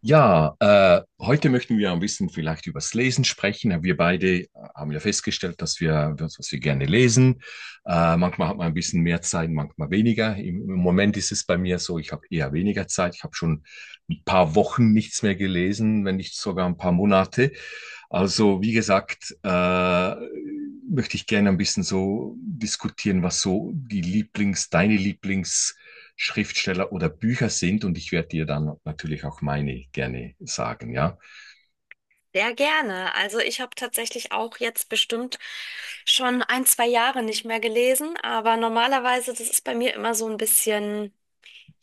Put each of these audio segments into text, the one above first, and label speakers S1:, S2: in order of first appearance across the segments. S1: Ja, heute möchten wir ein bisschen vielleicht übers Lesen sprechen. Wir beide haben ja festgestellt, dass wir, das, was wir gerne lesen. Manchmal hat man ein bisschen mehr Zeit, manchmal weniger. Im Moment ist es bei mir so, ich habe eher weniger Zeit. Ich habe schon ein paar Wochen nichts mehr gelesen, wenn nicht sogar ein paar Monate. Also, wie gesagt, möchte ich gerne ein bisschen so diskutieren, was so die Lieblings, deine Lieblingsschriftsteller oder Bücher sind. Und ich werde dir dann natürlich auch meine gerne sagen, ja.
S2: Sehr gerne. Also ich habe tatsächlich auch jetzt bestimmt schon ein, zwei Jahre nicht mehr gelesen, aber normalerweise, das ist bei mir immer so ein bisschen.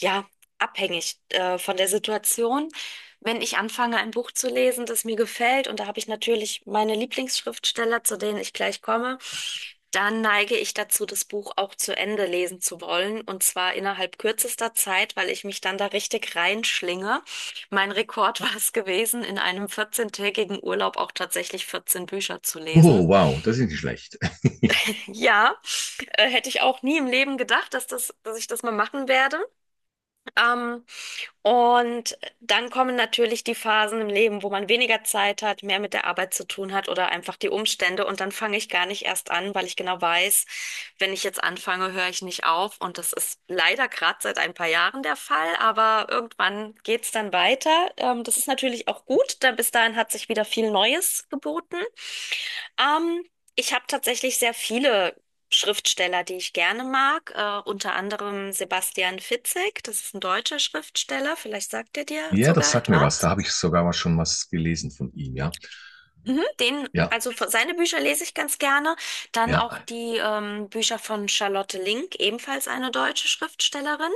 S2: Ja, abhängig von der Situation. Wenn ich anfange, ein Buch zu lesen, das mir gefällt, und da habe ich natürlich meine Lieblingsschriftsteller, zu denen ich gleich komme, dann neige ich dazu, das Buch auch zu Ende lesen zu wollen, und zwar innerhalb kürzester Zeit, weil ich mich dann da richtig reinschlinge. Mein Rekord war es gewesen, in einem 14-tägigen Urlaub auch tatsächlich 14 Bücher zu
S1: Oh,
S2: lesen.
S1: wow, das ist nicht schlecht.
S2: Ja, hätte ich auch nie im Leben gedacht, dass ich das mal machen werde. Ähm, und dann kommen natürlich die Phasen im Leben, wo man weniger Zeit hat, mehr mit der Arbeit zu tun hat oder einfach die Umstände. Und dann fange ich gar nicht erst an, weil ich genau weiß, wenn ich jetzt anfange, höre ich nicht auf. Und das ist leider gerade seit ein paar Jahren der Fall, aber irgendwann geht's dann weiter. Das ist natürlich auch gut, denn bis dahin hat sich wieder viel Neues geboten. Ähm, Ich habe tatsächlich sehr viele Schriftsteller, die ich gerne mag. Unter anderem Sebastian Fitzek, das ist ein deutscher Schriftsteller, vielleicht sagt er dir
S1: Ja, das
S2: sogar
S1: sagt mir was.
S2: etwas.
S1: Da habe ich sogar mal schon was gelesen von ihm, ja.
S2: Mhm. Den,
S1: Ja,
S2: also seine Bücher lese ich ganz gerne. Dann
S1: ja.
S2: auch die Bücher von Charlotte Link, ebenfalls eine deutsche Schriftstellerin.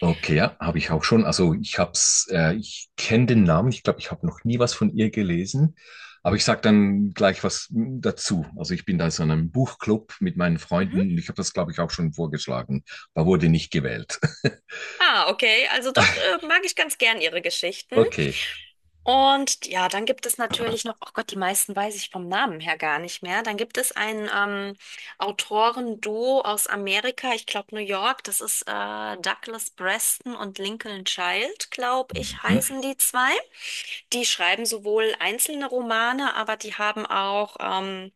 S1: Okay, ja, habe ich auch schon. Also ich hab's, ich kenne den Namen. Ich glaube, ich habe noch nie was von ihr gelesen. Aber ich sag dann gleich was dazu. Also ich bin da so in so einem Buchclub mit meinen Freunden
S2: Mhm.
S1: und ich habe das, glaube ich, auch schon vorgeschlagen, aber wurde nicht gewählt.
S2: Ah, okay. Also doch, mag ich ganz gern ihre Geschichten.
S1: Okay.
S2: Und ja, dann gibt es natürlich noch, oh Gott, die meisten weiß ich vom Namen her gar nicht mehr. Dann gibt es ein Autorenduo aus Amerika, ich glaube New York, das ist Douglas Preston und Lincoln Child, glaube ich,
S1: Hm.
S2: heißen die zwei. Die schreiben sowohl einzelne Romane, aber die haben auch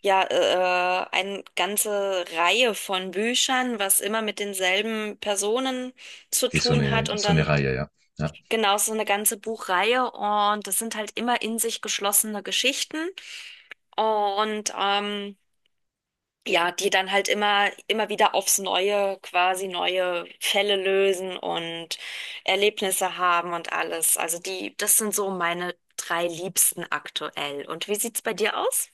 S2: ja eine ganze Reihe von Büchern, was immer mit denselben Personen zu
S1: Okay, so
S2: tun
S1: eine,
S2: hat, und
S1: so
S2: dann
S1: eine Reihe, ja. Ja.
S2: genau, so eine ganze Buchreihe, und das sind halt immer in sich geschlossene Geschichten und ja, die dann halt immer wieder aufs Neue quasi neue Fälle lösen und Erlebnisse haben und alles. Also die, das sind so meine drei Liebsten aktuell. Und wie sieht's bei dir aus?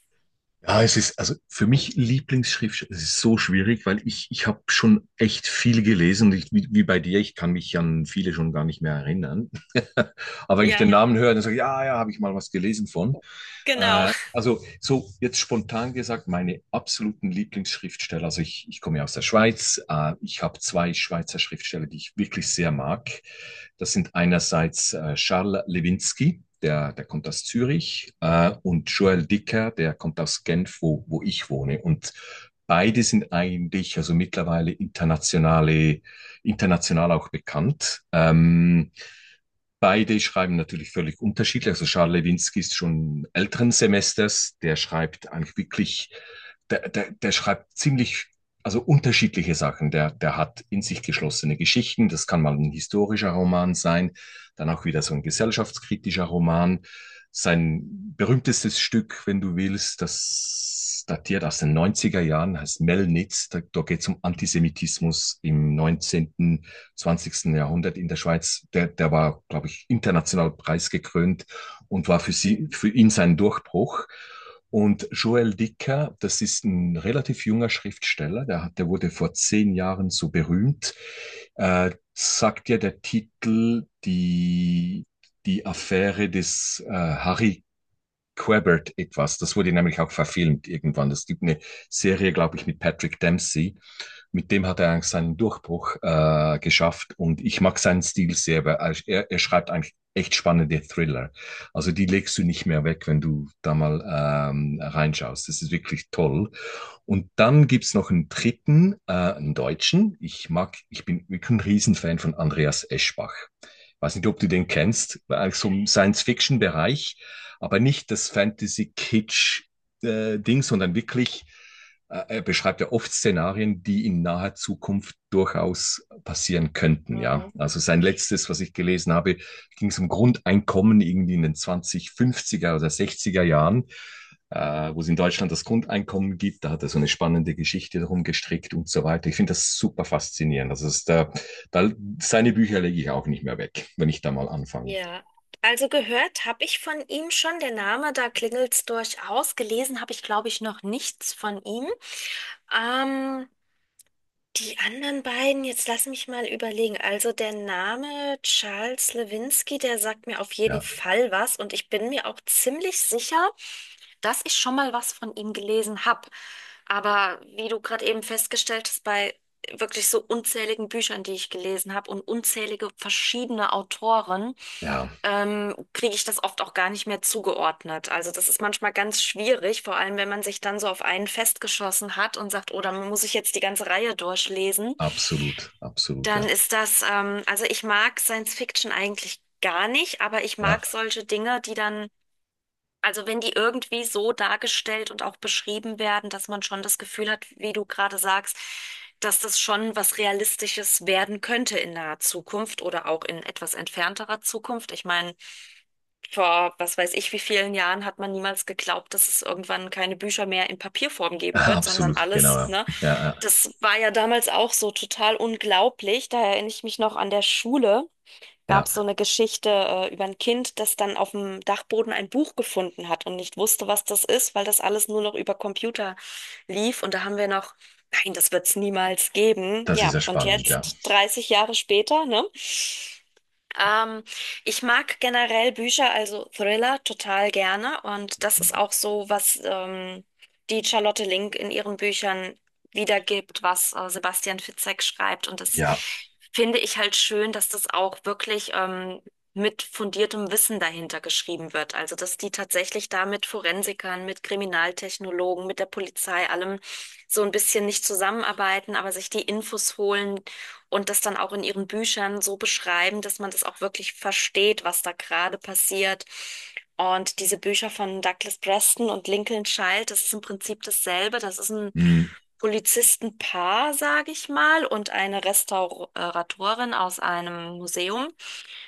S1: Ja, es ist, also für mich Lieblingsschriftsteller, es ist so schwierig, weil ich habe schon echt viel gelesen. Und ich, wie bei dir, ich kann mich an viele schon gar nicht mehr erinnern. Aber wenn ich den
S2: Ja,
S1: Namen höre, dann sage ich, ja, ja, habe ich mal was gelesen von.
S2: genau.
S1: Also so jetzt spontan gesagt, meine absoluten Lieblingsschriftsteller, also ich komme ja aus der Schweiz, ich habe zwei Schweizer Schriftsteller, die ich wirklich sehr mag. Das sind einerseits Charles Lewinsky, der kommt aus Zürich, und Joël Dicker, der kommt aus Genf, wo ich wohne. Und beide sind eigentlich, also mittlerweile internationale, international auch bekannt. Beide schreiben natürlich völlig unterschiedlich. Also Charles Lewinsky ist schon älteren Semesters, der schreibt eigentlich wirklich, der schreibt ziemlich, also unterschiedliche Sachen. Der hat in sich geschlossene Geschichten, das kann mal ein historischer Roman sein, dann auch wieder so ein gesellschaftskritischer Roman. Sein berühmtestes Stück, wenn du willst, das datiert aus den neunziger Jahren, heißt Melnitz, da geht es um Antisemitismus im neunzehnten, zwanzigsten Jahrhundert in der Schweiz, der war, glaube ich, international preisgekrönt und war für, sie,
S2: Mhm.
S1: für ihn sein Durchbruch. Und Joël Dicker, das ist ein relativ junger Schriftsteller, der wurde vor zehn Jahren so berühmt, sagt ja der Titel die Affäre des Harry Quebert etwas. Das wurde nämlich auch verfilmt irgendwann. Es gibt eine Serie, glaube ich, mit Patrick Dempsey, mit dem hat er eigentlich seinen Durchbruch geschafft, und ich mag seinen Stil sehr, weil er schreibt eigentlich echt spannende Thriller. Also die legst du nicht mehr weg, wenn du da mal reinschaust. Das ist wirklich toll. Und dann gibt's noch einen dritten, einen Deutschen. Ich mag, ich bin wirklich ein Riesenfan von Andreas Eschbach. Ich weiß nicht, ob du den kennst, so im Science-Fiction-Bereich, aber nicht das Fantasy-Kitsch-Ding, sondern wirklich, er beschreibt ja oft Szenarien, die in naher Zukunft durchaus passieren könnten, ja. Also sein letztes, was ich gelesen habe, ging es um Grundeinkommen irgendwie in den 2050er oder 60er Jahren, wo es in Deutschland das Grundeinkommen gibt. Da hat er so eine spannende Geschichte darum gestrickt und so weiter. Ich finde das super faszinierend. Also es ist da, seine Bücher lege ich auch nicht mehr weg, wenn ich da mal anfange.
S2: Ja, also gehört habe ich von ihm schon, der Name, da klingelt's durchaus. Gelesen habe ich, glaube ich, noch nichts von ihm. Ähm, Die anderen beiden, jetzt lass mich mal überlegen. Also der Name Charles Lewinsky, der sagt mir auf jeden
S1: Ja,
S2: Fall was, und ich bin mir auch ziemlich sicher, dass ich schon mal was von ihm gelesen habe. Aber wie du gerade eben festgestellt hast, bei wirklich so unzähligen Büchern, die ich gelesen habe, und unzählige verschiedene Autoren,
S1: ja,
S2: kriege ich das oft auch gar nicht mehr zugeordnet. Also das ist manchmal ganz schwierig, vor allem wenn man sich dann so auf einen festgeschossen hat und sagt, oh, dann muss ich jetzt die ganze Reihe durchlesen.
S1: absolut, absolut, ja.
S2: Dann ist das, also ich mag Science Fiction eigentlich gar nicht, aber ich
S1: Ja,
S2: mag solche Dinge, die dann, also wenn die irgendwie so dargestellt und auch beschrieben werden, dass man schon das Gefühl hat, wie du gerade sagst, dass das schon was Realistisches werden könnte in naher Zukunft oder auch in etwas entfernterer Zukunft. Ich meine, vor was weiß ich wie vielen Jahren hat man niemals geglaubt, dass es irgendwann keine Bücher mehr in Papierform geben wird, sondern
S1: absolut, genau.
S2: alles,
S1: Ja,
S2: ne?
S1: ja, ja,
S2: Das war ja damals auch so total unglaublich. Da erinnere ich mich noch an der Schule. Gab es so
S1: ja.
S2: eine Geschichte über ein Kind, das dann auf dem Dachboden ein Buch gefunden hat und nicht wusste, was das ist, weil das alles nur noch über Computer lief. Und da haben wir noch, nein, das wird es niemals geben.
S1: Das ist
S2: Ja,
S1: ja
S2: und
S1: spannend, ja.
S2: jetzt, 30 Jahre später, ne? Ähm, Ich mag generell Bücher, also Thriller, total gerne. Und das ist auch so, was die Charlotte Link in ihren Büchern wiedergibt, was Sebastian Fitzek schreibt. Und das
S1: Ja,
S2: finde ich halt schön, dass das auch wirklich mit fundiertem Wissen dahinter geschrieben wird. Also, dass die tatsächlich da mit Forensikern, mit Kriminaltechnologen, mit der Polizei, allem so ein bisschen nicht zusammenarbeiten, aber sich die Infos holen, und das dann auch in ihren Büchern so beschreiben, dass man das auch wirklich versteht, was da gerade passiert. Und diese Bücher von Douglas Preston und Lincoln Child, das ist im Prinzip dasselbe. Das ist ein
S1: mm.
S2: Polizistenpaar, sage ich mal, und eine Restauratorin aus einem Museum,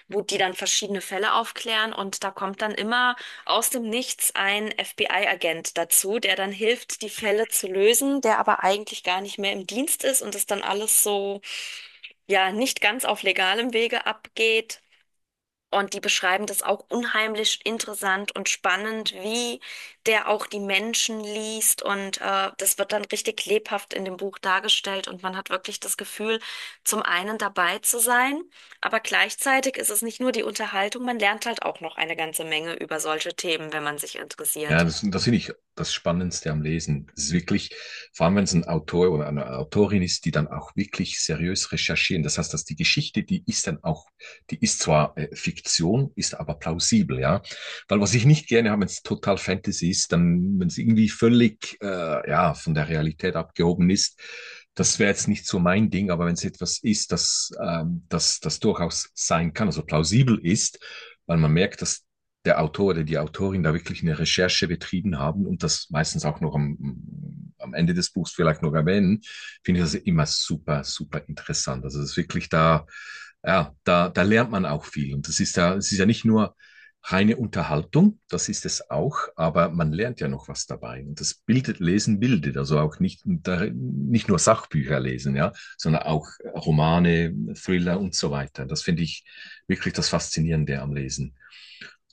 S2: wo die dann verschiedene Fälle aufklären. Und da kommt dann immer aus dem Nichts ein FBI-Agent dazu, der dann hilft, die Fälle zu lösen, der aber eigentlich gar nicht mehr im Dienst ist und das dann alles so ja nicht ganz auf legalem Wege abgeht. Und die beschreiben das auch unheimlich interessant und spannend, wie der auch die Menschen liest. Und das wird dann richtig lebhaft in dem Buch dargestellt. Und man hat wirklich das Gefühl, zum einen dabei zu sein, aber gleichzeitig ist es nicht nur die Unterhaltung, man lernt halt auch noch eine ganze Menge über solche Themen, wenn man sich
S1: Ja,
S2: interessiert.
S1: das, das finde ich das Spannendste am Lesen. Es ist wirklich, vor allem wenn es ein Autor oder eine Autorin ist, die dann auch wirklich seriös recherchieren. Das heißt, dass die Geschichte, die ist dann auch, die ist zwar Fiktion, ist aber plausibel, ja. Weil was ich nicht gerne habe, wenn es total Fantasy ist, dann, wenn es irgendwie völlig, ja, von der Realität abgehoben ist, das wäre jetzt nicht so mein Ding, aber wenn es etwas ist, das, das durchaus sein kann, also plausibel ist, weil man merkt, dass der Autor oder die Autorin da wirklich eine Recherche betrieben haben und das meistens auch noch am Ende des Buchs vielleicht noch erwähnen, finde ich das immer super, super interessant. Also es ist wirklich da, ja, da lernt man auch viel. Und das ist ja, es ist ja nicht nur reine Unterhaltung, das ist es auch, aber man lernt ja noch was dabei. Und das bildet, Lesen bildet, also auch nicht, nicht nur Sachbücher lesen, ja, sondern auch Romane, Thriller und so weiter. Das finde ich wirklich das Faszinierende am Lesen.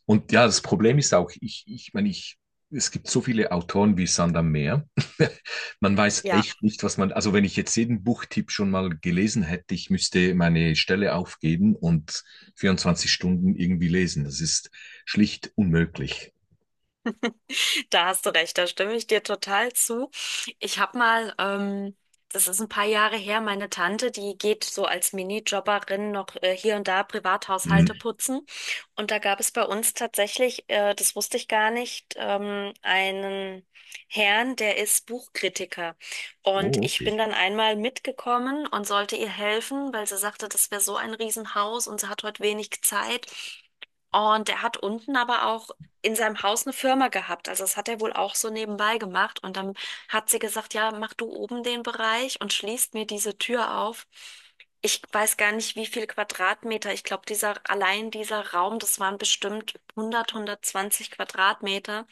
S1: Und ja, das Problem ist auch, ich meine, es gibt so viele Autoren wie Sand am Meer. Man weiß
S2: Ja,
S1: echt nicht, was man, also wenn ich jetzt jeden Buchtipp schon mal gelesen hätte, ich müsste meine Stelle aufgeben und 24 Stunden irgendwie lesen. Das ist schlicht unmöglich.
S2: da hast du recht, da stimme ich dir total zu. Ich habe mal, das ist ein paar Jahre her, meine Tante, die geht so als Minijobberin noch hier und da
S1: Hm.
S2: Privathaushalte putzen. Und da gab es bei uns tatsächlich, das wusste ich gar nicht, einen Herrn, der ist Buchkritiker. Und
S1: Oh,
S2: ich
S1: okay.
S2: bin dann einmal mitgekommen und sollte ihr helfen, weil sie sagte, das wäre so ein Riesenhaus und sie hat heute wenig Zeit. Und er hat unten aber auch in seinem Haus eine Firma gehabt. Also das hat er wohl auch so nebenbei gemacht. Und dann hat sie gesagt, ja, mach du oben den Bereich und schließt mir diese Tür auf. Ich weiß gar nicht, wie viel Quadratmeter. Ich glaube, dieser, allein dieser Raum, das waren bestimmt 100, 120 Quadratmeter,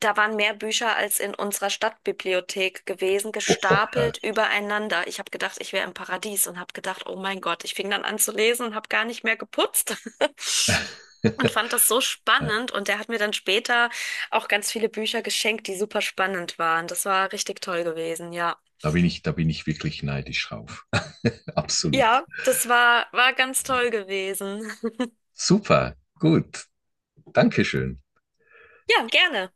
S2: da waren mehr Bücher als in unserer Stadtbibliothek gewesen,
S1: Oh, oh.
S2: gestapelt übereinander. Ich habe gedacht, ich wäre im Paradies und habe gedacht, oh mein Gott, ich fing dann an zu lesen und habe gar nicht mehr geputzt. Und fand das so spannend, und der hat mir dann später auch ganz viele Bücher geschenkt, die super spannend waren. Das war richtig toll gewesen, ja.
S1: Da bin ich, da bin ich wirklich neidisch drauf. Absolut.
S2: Ja, das war, war ganz toll gewesen.
S1: Super. Gut. Dankeschön.
S2: Ja, gerne.